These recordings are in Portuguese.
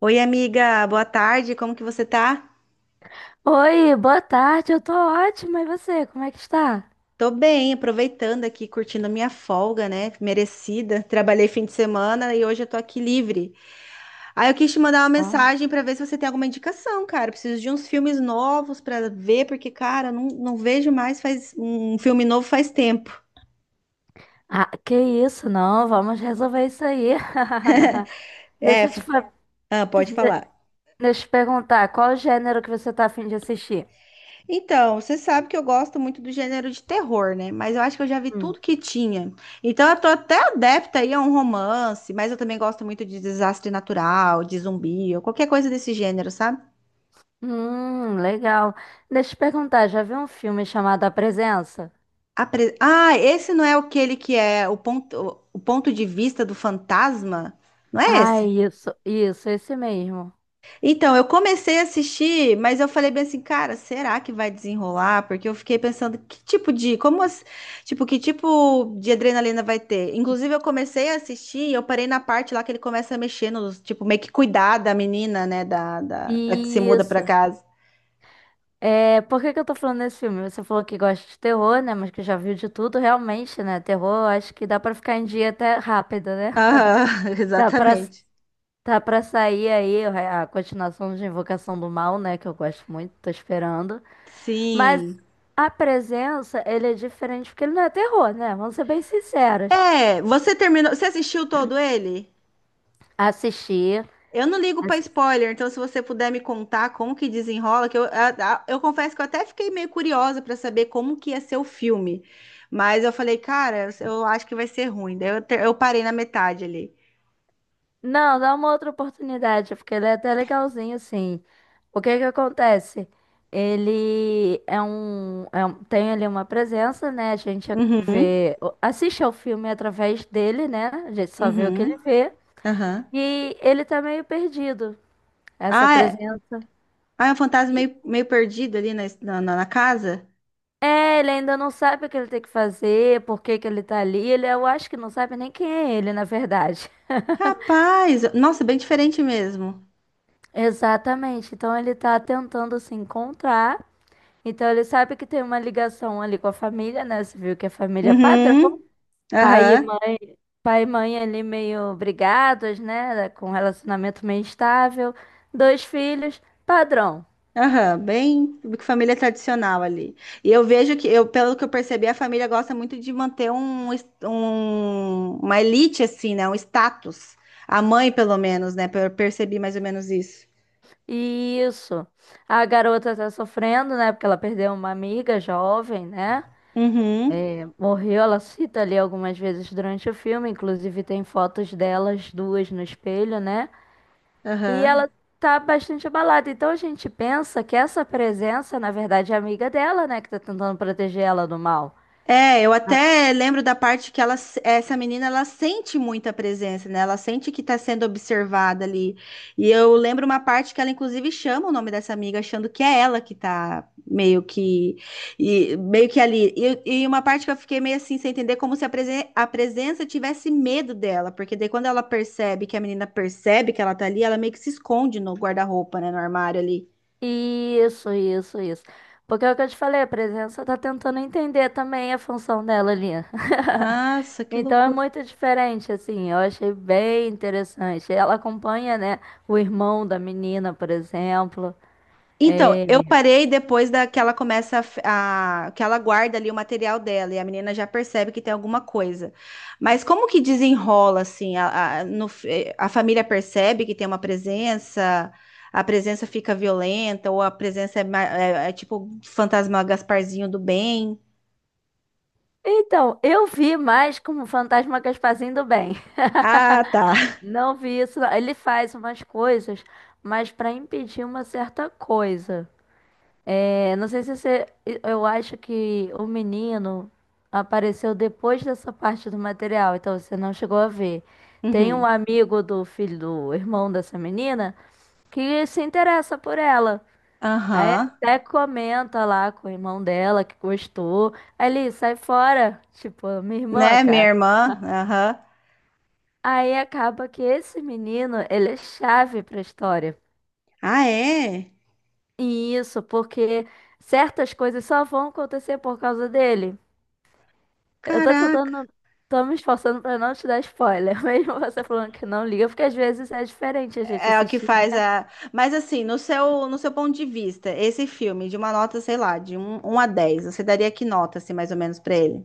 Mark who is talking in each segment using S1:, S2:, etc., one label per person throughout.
S1: Oi, amiga, boa tarde, como que você tá?
S2: Oi, boa tarde, eu tô ótima, e você, como é que está?
S1: Tô bem, aproveitando aqui, curtindo a minha folga, né? Merecida. Trabalhei fim de semana e hoje eu tô aqui livre. Aí eu quis te mandar uma
S2: Ah,
S1: mensagem pra ver se você tem alguma indicação, cara. Eu preciso de uns filmes novos pra ver, porque, cara, eu não vejo mais faz um filme novo faz tempo.
S2: Ah, que isso, não, vamos resolver isso aí.
S1: É,
S2: Deixa eu te,
S1: f-
S2: fa-
S1: ah, pode falar.
S2: Deixa eu te perguntar, qual o gênero que você tá afim de assistir?
S1: Então, você sabe que eu gosto muito do gênero de terror, né? Mas eu acho que eu já vi
S2: Hum.
S1: tudo que tinha. Então, eu tô até adepta aí a um romance, mas eu também gosto muito de desastre natural, de zumbi, ou qualquer coisa desse gênero, sabe?
S2: Legal. Deixa eu te perguntar, já viu um filme chamado A Presença?
S1: Ah, esse não é aquele que é o ponto de vista do fantasma? Não é
S2: Ah,
S1: esse?
S2: isso, esse mesmo.
S1: Então, eu comecei a assistir, mas eu falei bem assim, cara, será que vai desenrolar? Porque eu fiquei pensando que tipo, que tipo de adrenalina vai ter? Inclusive, eu comecei a assistir e eu parei na parte lá que ele começa a mexer nos, tipo, meio que cuidar da menina, né, da que se muda pra
S2: Isso.
S1: casa.
S2: É, por que que eu tô falando desse filme? Você falou que gosta de terror, né? Mas que já viu de tudo, realmente, né? Terror, acho que dá pra ficar em dia até rápido, né?
S1: Aham,
S2: Dá pra,
S1: exatamente.
S2: Tá pra sair aí a continuação de Invocação do Mal, né? Que eu gosto muito, tô esperando. Mas
S1: Sim.
S2: a presença, ele é diferente porque ele não é terror, né? Vamos ser bem sinceras.
S1: É, você terminou, você assistiu todo ele?
S2: Assistir.
S1: Eu não ligo pra
S2: assi-
S1: spoiler, então se você puder me contar como que desenrola, que eu, a- eu confesso que eu até fiquei meio curiosa pra saber como que ia ser o filme, mas eu falei, cara, eu acho que vai ser ruim. Daí eu parei na metade ali.
S2: Não, dá uma outra oportunidade, porque ele é até legalzinho, assim. O que que acontece? Ele é um- Tem ali uma presença, né? A gente
S1: Uhum,
S2: vê, assiste ao filme através dele, né? A gente só vê o que ele
S1: uhum,
S2: vê.
S1: aham.
S2: E ele tá meio perdido. Essa
S1: Ah, é,
S2: presença.
S1: ah, é um fantasma
S2: E,
S1: meio perdido ali na casa?
S2: É, ele ainda não sabe o que ele tem que fazer, por que que ele tá ali. Ele, eu acho que não sabe nem quem é ele, na verdade.
S1: Capaz! Nossa, bem diferente mesmo.
S2: Exatamente. Então ele tá tentando se encontrar. Então ele sabe que tem uma ligação ali com a família, né? Você viu que a família é padrão.
S1: Uhum,
S2: Pai e
S1: aham.
S2: mãe, pai e mãe ali meio brigados, né? Com um relacionamento meio estável. Dois filhos, padrão.
S1: Aham, bem família tradicional ali. E eu vejo que, eu, pelo que eu percebi, a família gosta muito de manter uma elite, assim, né? Um status. A mãe, pelo menos, né? Eu percebi mais ou menos isso.
S2: Isso. A garota tá sofrendo, né? Porque ela perdeu uma amiga jovem, né?
S1: Uhum,
S2: Morreu, ela cita ali algumas vezes durante o filme, inclusive tem fotos delas duas no espelho, né? E
S1: aham.
S2: ela tá bastante abalada. Então a gente pensa que essa presença, na verdade, é a amiga dela, né? Que tá tentando proteger ela do mal.
S1: É, eu até lembro da parte que ela, essa menina, ela sente muita presença, né? Ela sente que tá sendo observada ali. E eu lembro uma parte que ela, inclusive, chama o nome dessa amiga, achando que é ela que tá meio que, e, meio que ali. E uma parte que eu fiquei meio assim, sem entender, como se a presença tivesse medo dela, porque daí quando ela percebe, que a menina percebe que ela tá ali, ela meio que se esconde no guarda-roupa, né? No armário ali.
S2: Isso, isso, isso. Porque é o que eu te falei, a presença tá tentando entender também a função dela ali.
S1: Nossa, que
S2: Então é
S1: loucura.
S2: muito diferente, assim, eu achei bem interessante. Ela acompanha, né, o irmão da menina, por exemplo.
S1: Então, eu
S2: É,
S1: parei depois da que ela começa que ela guarda ali o material dela e a menina já percebe que tem alguma coisa. Mas como que desenrola assim? A, no f- eh, a família percebe que tem uma presença, a presença fica violenta ou a presença é tipo fantasma Gasparzinho do bem?
S2: Então, eu vi mais como Fantasma Gasparzinho do Bem.
S1: Ah, tá.
S2: Não vi isso. Não. Ele faz umas coisas, mas para impedir uma certa coisa. É, não sei se você. Eu acho que o menino apareceu depois dessa parte do material, então você não chegou a ver. Tem um
S1: Uhum.
S2: amigo do filho do irmão dessa menina que se interessa por ela. Aí
S1: Aham.
S2: até comenta lá com o irmão dela que gostou. Aí ele sai fora, tipo, minha irmã,
S1: Né, minha
S2: cara.
S1: irmã? Aham.
S2: Aí acaba que esse menino, ele é chave pra história.
S1: Ah, é?
S2: E isso porque certas coisas só vão acontecer por causa dele. Eu tô tentando,
S1: Caraca.
S2: não- Tô me esforçando pra não te dar spoiler, mesmo você falando que não liga, porque às vezes é diferente a gente
S1: É o que
S2: assistir.
S1: faz a. Mas assim, no seu ponto de vista, esse filme, de uma nota, sei lá, de 1 a 10 você daria que nota, assim, mais ou menos, pra ele?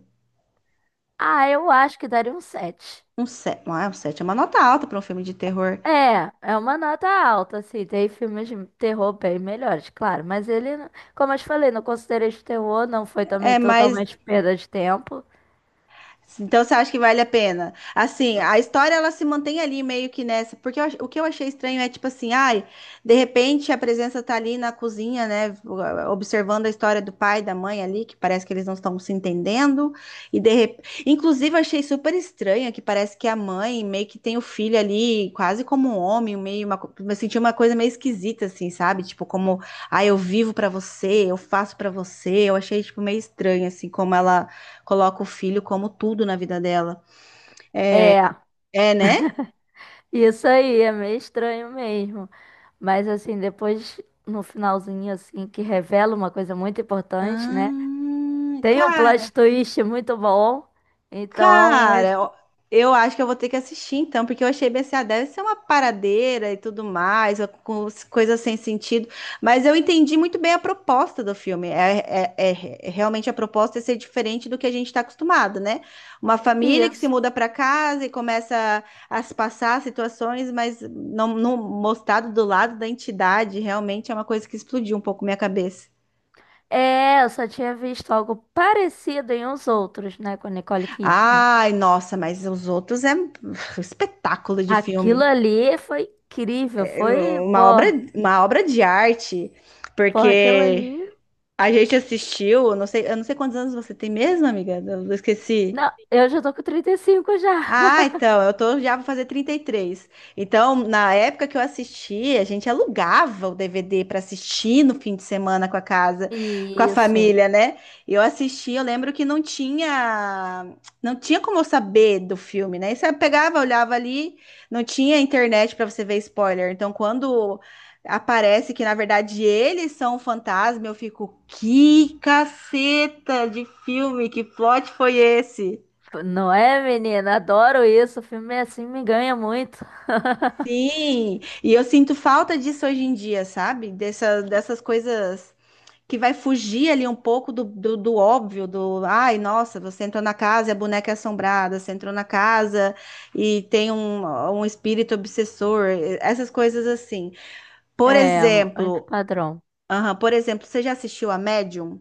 S2: Ah, eu acho que daria um 7.
S1: Um 7. Ah, um 7 é uma nota alta pra um filme de terror.
S2: É, é uma nota alta, assim. Tem filmes de terror bem melhores, claro. Mas ele, não- Como eu te falei, não considerei de terror, não foi também
S1: É, mas
S2: totalmente perda de tempo.
S1: Então você acha que vale a pena? Assim, a história ela se mantém ali meio que nessa, porque o que eu achei estranho é tipo assim, ai, de repente a presença tá ali na cozinha, né, observando a história do pai e da mãe ali, que parece que eles não estão se entendendo, e de rep... inclusive eu achei super estranha que parece que a mãe meio que tem o filho ali quase como um homem, eu senti uma coisa meio esquisita assim, sabe? Tipo como, ai, eu vivo pra você, eu faço pra você. Eu achei tipo meio estranho assim como ela coloca o filho como tudo na vida dela.
S2: É.
S1: É, né?
S2: Isso aí, é meio estranho mesmo. Mas assim, depois, no finalzinho, assim, que revela uma coisa muito importante, né?
S1: Ah,
S2: Tem um
S1: cara,
S2: plot twist muito bom. Então, é-
S1: Ó, eu acho que eu vou ter que assistir então, porque eu achei BCA deve ser uma paradeira e tudo mais, coisas sem sentido. Mas eu entendi muito bem a proposta do filme. Realmente a proposta é ser diferente do que a gente está acostumado, né? Uma família que se
S2: isso.
S1: muda para casa e começa a se passar situações, mas não mostrado do lado da entidade, realmente é uma coisa que explodiu um pouco minha cabeça.
S2: É, eu só tinha visto algo parecido em Os Outros, né? Com a Nicole Kidman.
S1: Ai, nossa, mas os outros é um espetáculo de
S2: Aquilo
S1: filme.
S2: ali foi incrível, foi, pô,
S1: uma obra, uma obra de arte,
S2: pô, aquilo ali.
S1: porque a gente assistiu, eu não sei quantos anos você tem mesmo, amiga, eu esqueci.
S2: Não, eu já tô com 35 já.
S1: Ah, então, eu tô, já vou fazer 33. Então, na época que eu assisti, a gente alugava o DVD para assistir no fim de semana com a casa, com a
S2: Isso.
S1: família, né? E eu assisti, eu lembro que não tinha, não tinha como eu saber do filme, né? E você pegava, olhava ali, não tinha internet para você ver spoiler. Então, quando aparece que na verdade eles são o fantasma, eu fico, que caceta de filme, que plot foi esse?
S2: Não é, menina? Adoro isso. O filme assim me ganha muito.
S1: Sim, e eu sinto falta disso hoje em dia, sabe? Dessas coisas que vai fugir ali um pouco do óbvio, do ai, nossa, você entrou na casa e a boneca é assombrada, você entrou na casa e tem um espírito obsessor, essas coisas assim. Por
S2: É,
S1: exemplo,
S2: antipadrão.
S1: aham, por exemplo, você já assistiu a Medium?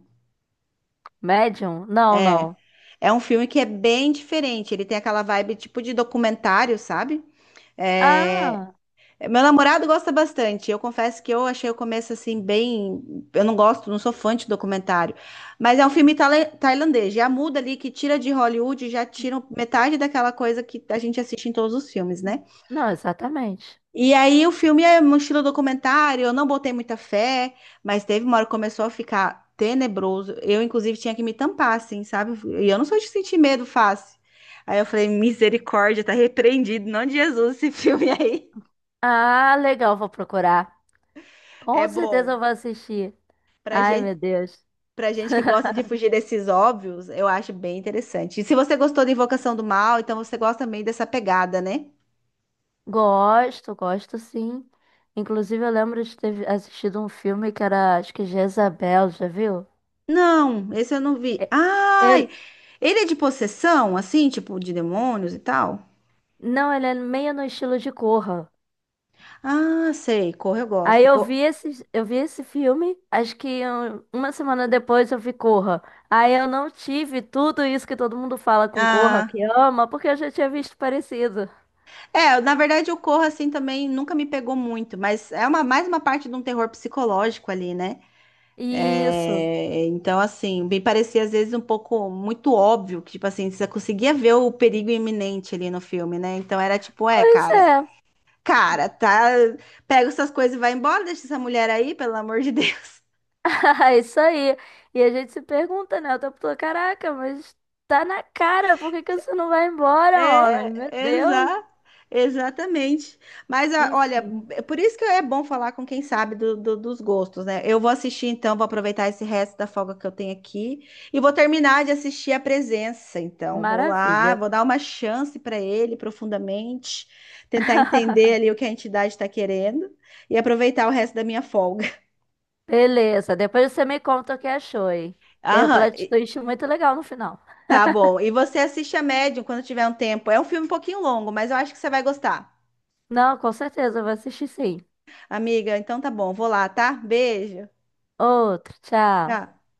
S2: Médium? Não,
S1: É.
S2: não.
S1: É um filme que é bem diferente, ele tem aquela vibe tipo de documentário, sabe? É,
S2: Ah,
S1: meu namorado gosta bastante. Eu confesso que eu achei o começo assim bem. Eu não gosto, não sou fã de documentário. Mas é um filme tailandês. Já muda ali que tira de Hollywood, já tira um, metade daquela coisa que a gente assiste em todos os filmes, né?
S2: não, exatamente.
S1: E aí o filme é um estilo documentário. Eu não botei muita fé, mas teve uma hora que começou a ficar tenebroso. Eu, inclusive, tinha que me tampar, assim, sabe? E eu não sou de sentir medo fácil. Aí eu falei, misericórdia, tá repreendido, em nome de Jesus, esse filme aí.
S2: Ah, legal, vou procurar.
S1: É
S2: Com certeza eu
S1: bom.
S2: vou assistir.
S1: Pra
S2: Ai, meu
S1: gente,
S2: Deus.
S1: Pra gente que gosta de fugir desses óbvios, eu acho bem interessante. E se você gostou da Invocação do Mal, então você gosta também dessa pegada, né?
S2: Gosto, gosto sim. Inclusive, eu lembro de ter assistido um filme que era, acho que Jezabel, já viu?
S1: Não, esse eu não vi.
S2: E-
S1: Ai,
S2: Ele,
S1: ele é de possessão, assim, tipo de demônios e tal?
S2: não, ele é meio no estilo de Corra.
S1: Ah, sei, Corra eu
S2: Aí
S1: gosto.
S2: eu vi esse filme, acho que uma semana depois eu vi Corra. Aí eu não tive tudo isso que todo mundo fala com Corra,
S1: Ah,
S2: que ama, porque eu já tinha visto parecido.
S1: é, na verdade o Corra, assim, também nunca me pegou muito, mas é mais uma parte de um terror psicológico ali, né?
S2: Isso.
S1: É, então, assim, me parecia às vezes um pouco muito óbvio que, tipo assim, você conseguia ver o perigo iminente ali no filme, né? Então era tipo, é,
S2: Pois é.
S1: cara, tá, pega essas coisas e vai embora, deixa essa mulher aí, pelo amor de Deus.
S2: É isso aí. E a gente se pergunta, né? O tempo todo, caraca, mas tá na cara, por que que você não vai embora, homem? Meu
S1: É,
S2: Deus.
S1: exa, exatamente. Olha,
S2: Enfim,
S1: é por isso que é bom falar com quem sabe dos gostos, né? Eu vou assistir então, vou aproveitar esse resto da folga que eu tenho aqui e vou terminar de assistir A Presença. Então, vou lá,
S2: maravilha.
S1: vou dar uma chance para ele profundamente, tentar entender ali o que a entidade está querendo e aproveitar o resto da minha folga.
S2: Beleza, depois você me conta o que achou, hein? Tem um
S1: Aham,
S2: plot
S1: e-
S2: twist muito legal no final.
S1: tá bom. E você assiste a Medium quando tiver um tempo. É um filme um pouquinho longo, mas eu acho que você vai gostar.
S2: Não, com certeza, eu vou assistir sim.
S1: Amiga, então tá bom, vou lá, tá? Beijo.
S2: Outro, tchau.
S1: Tchau.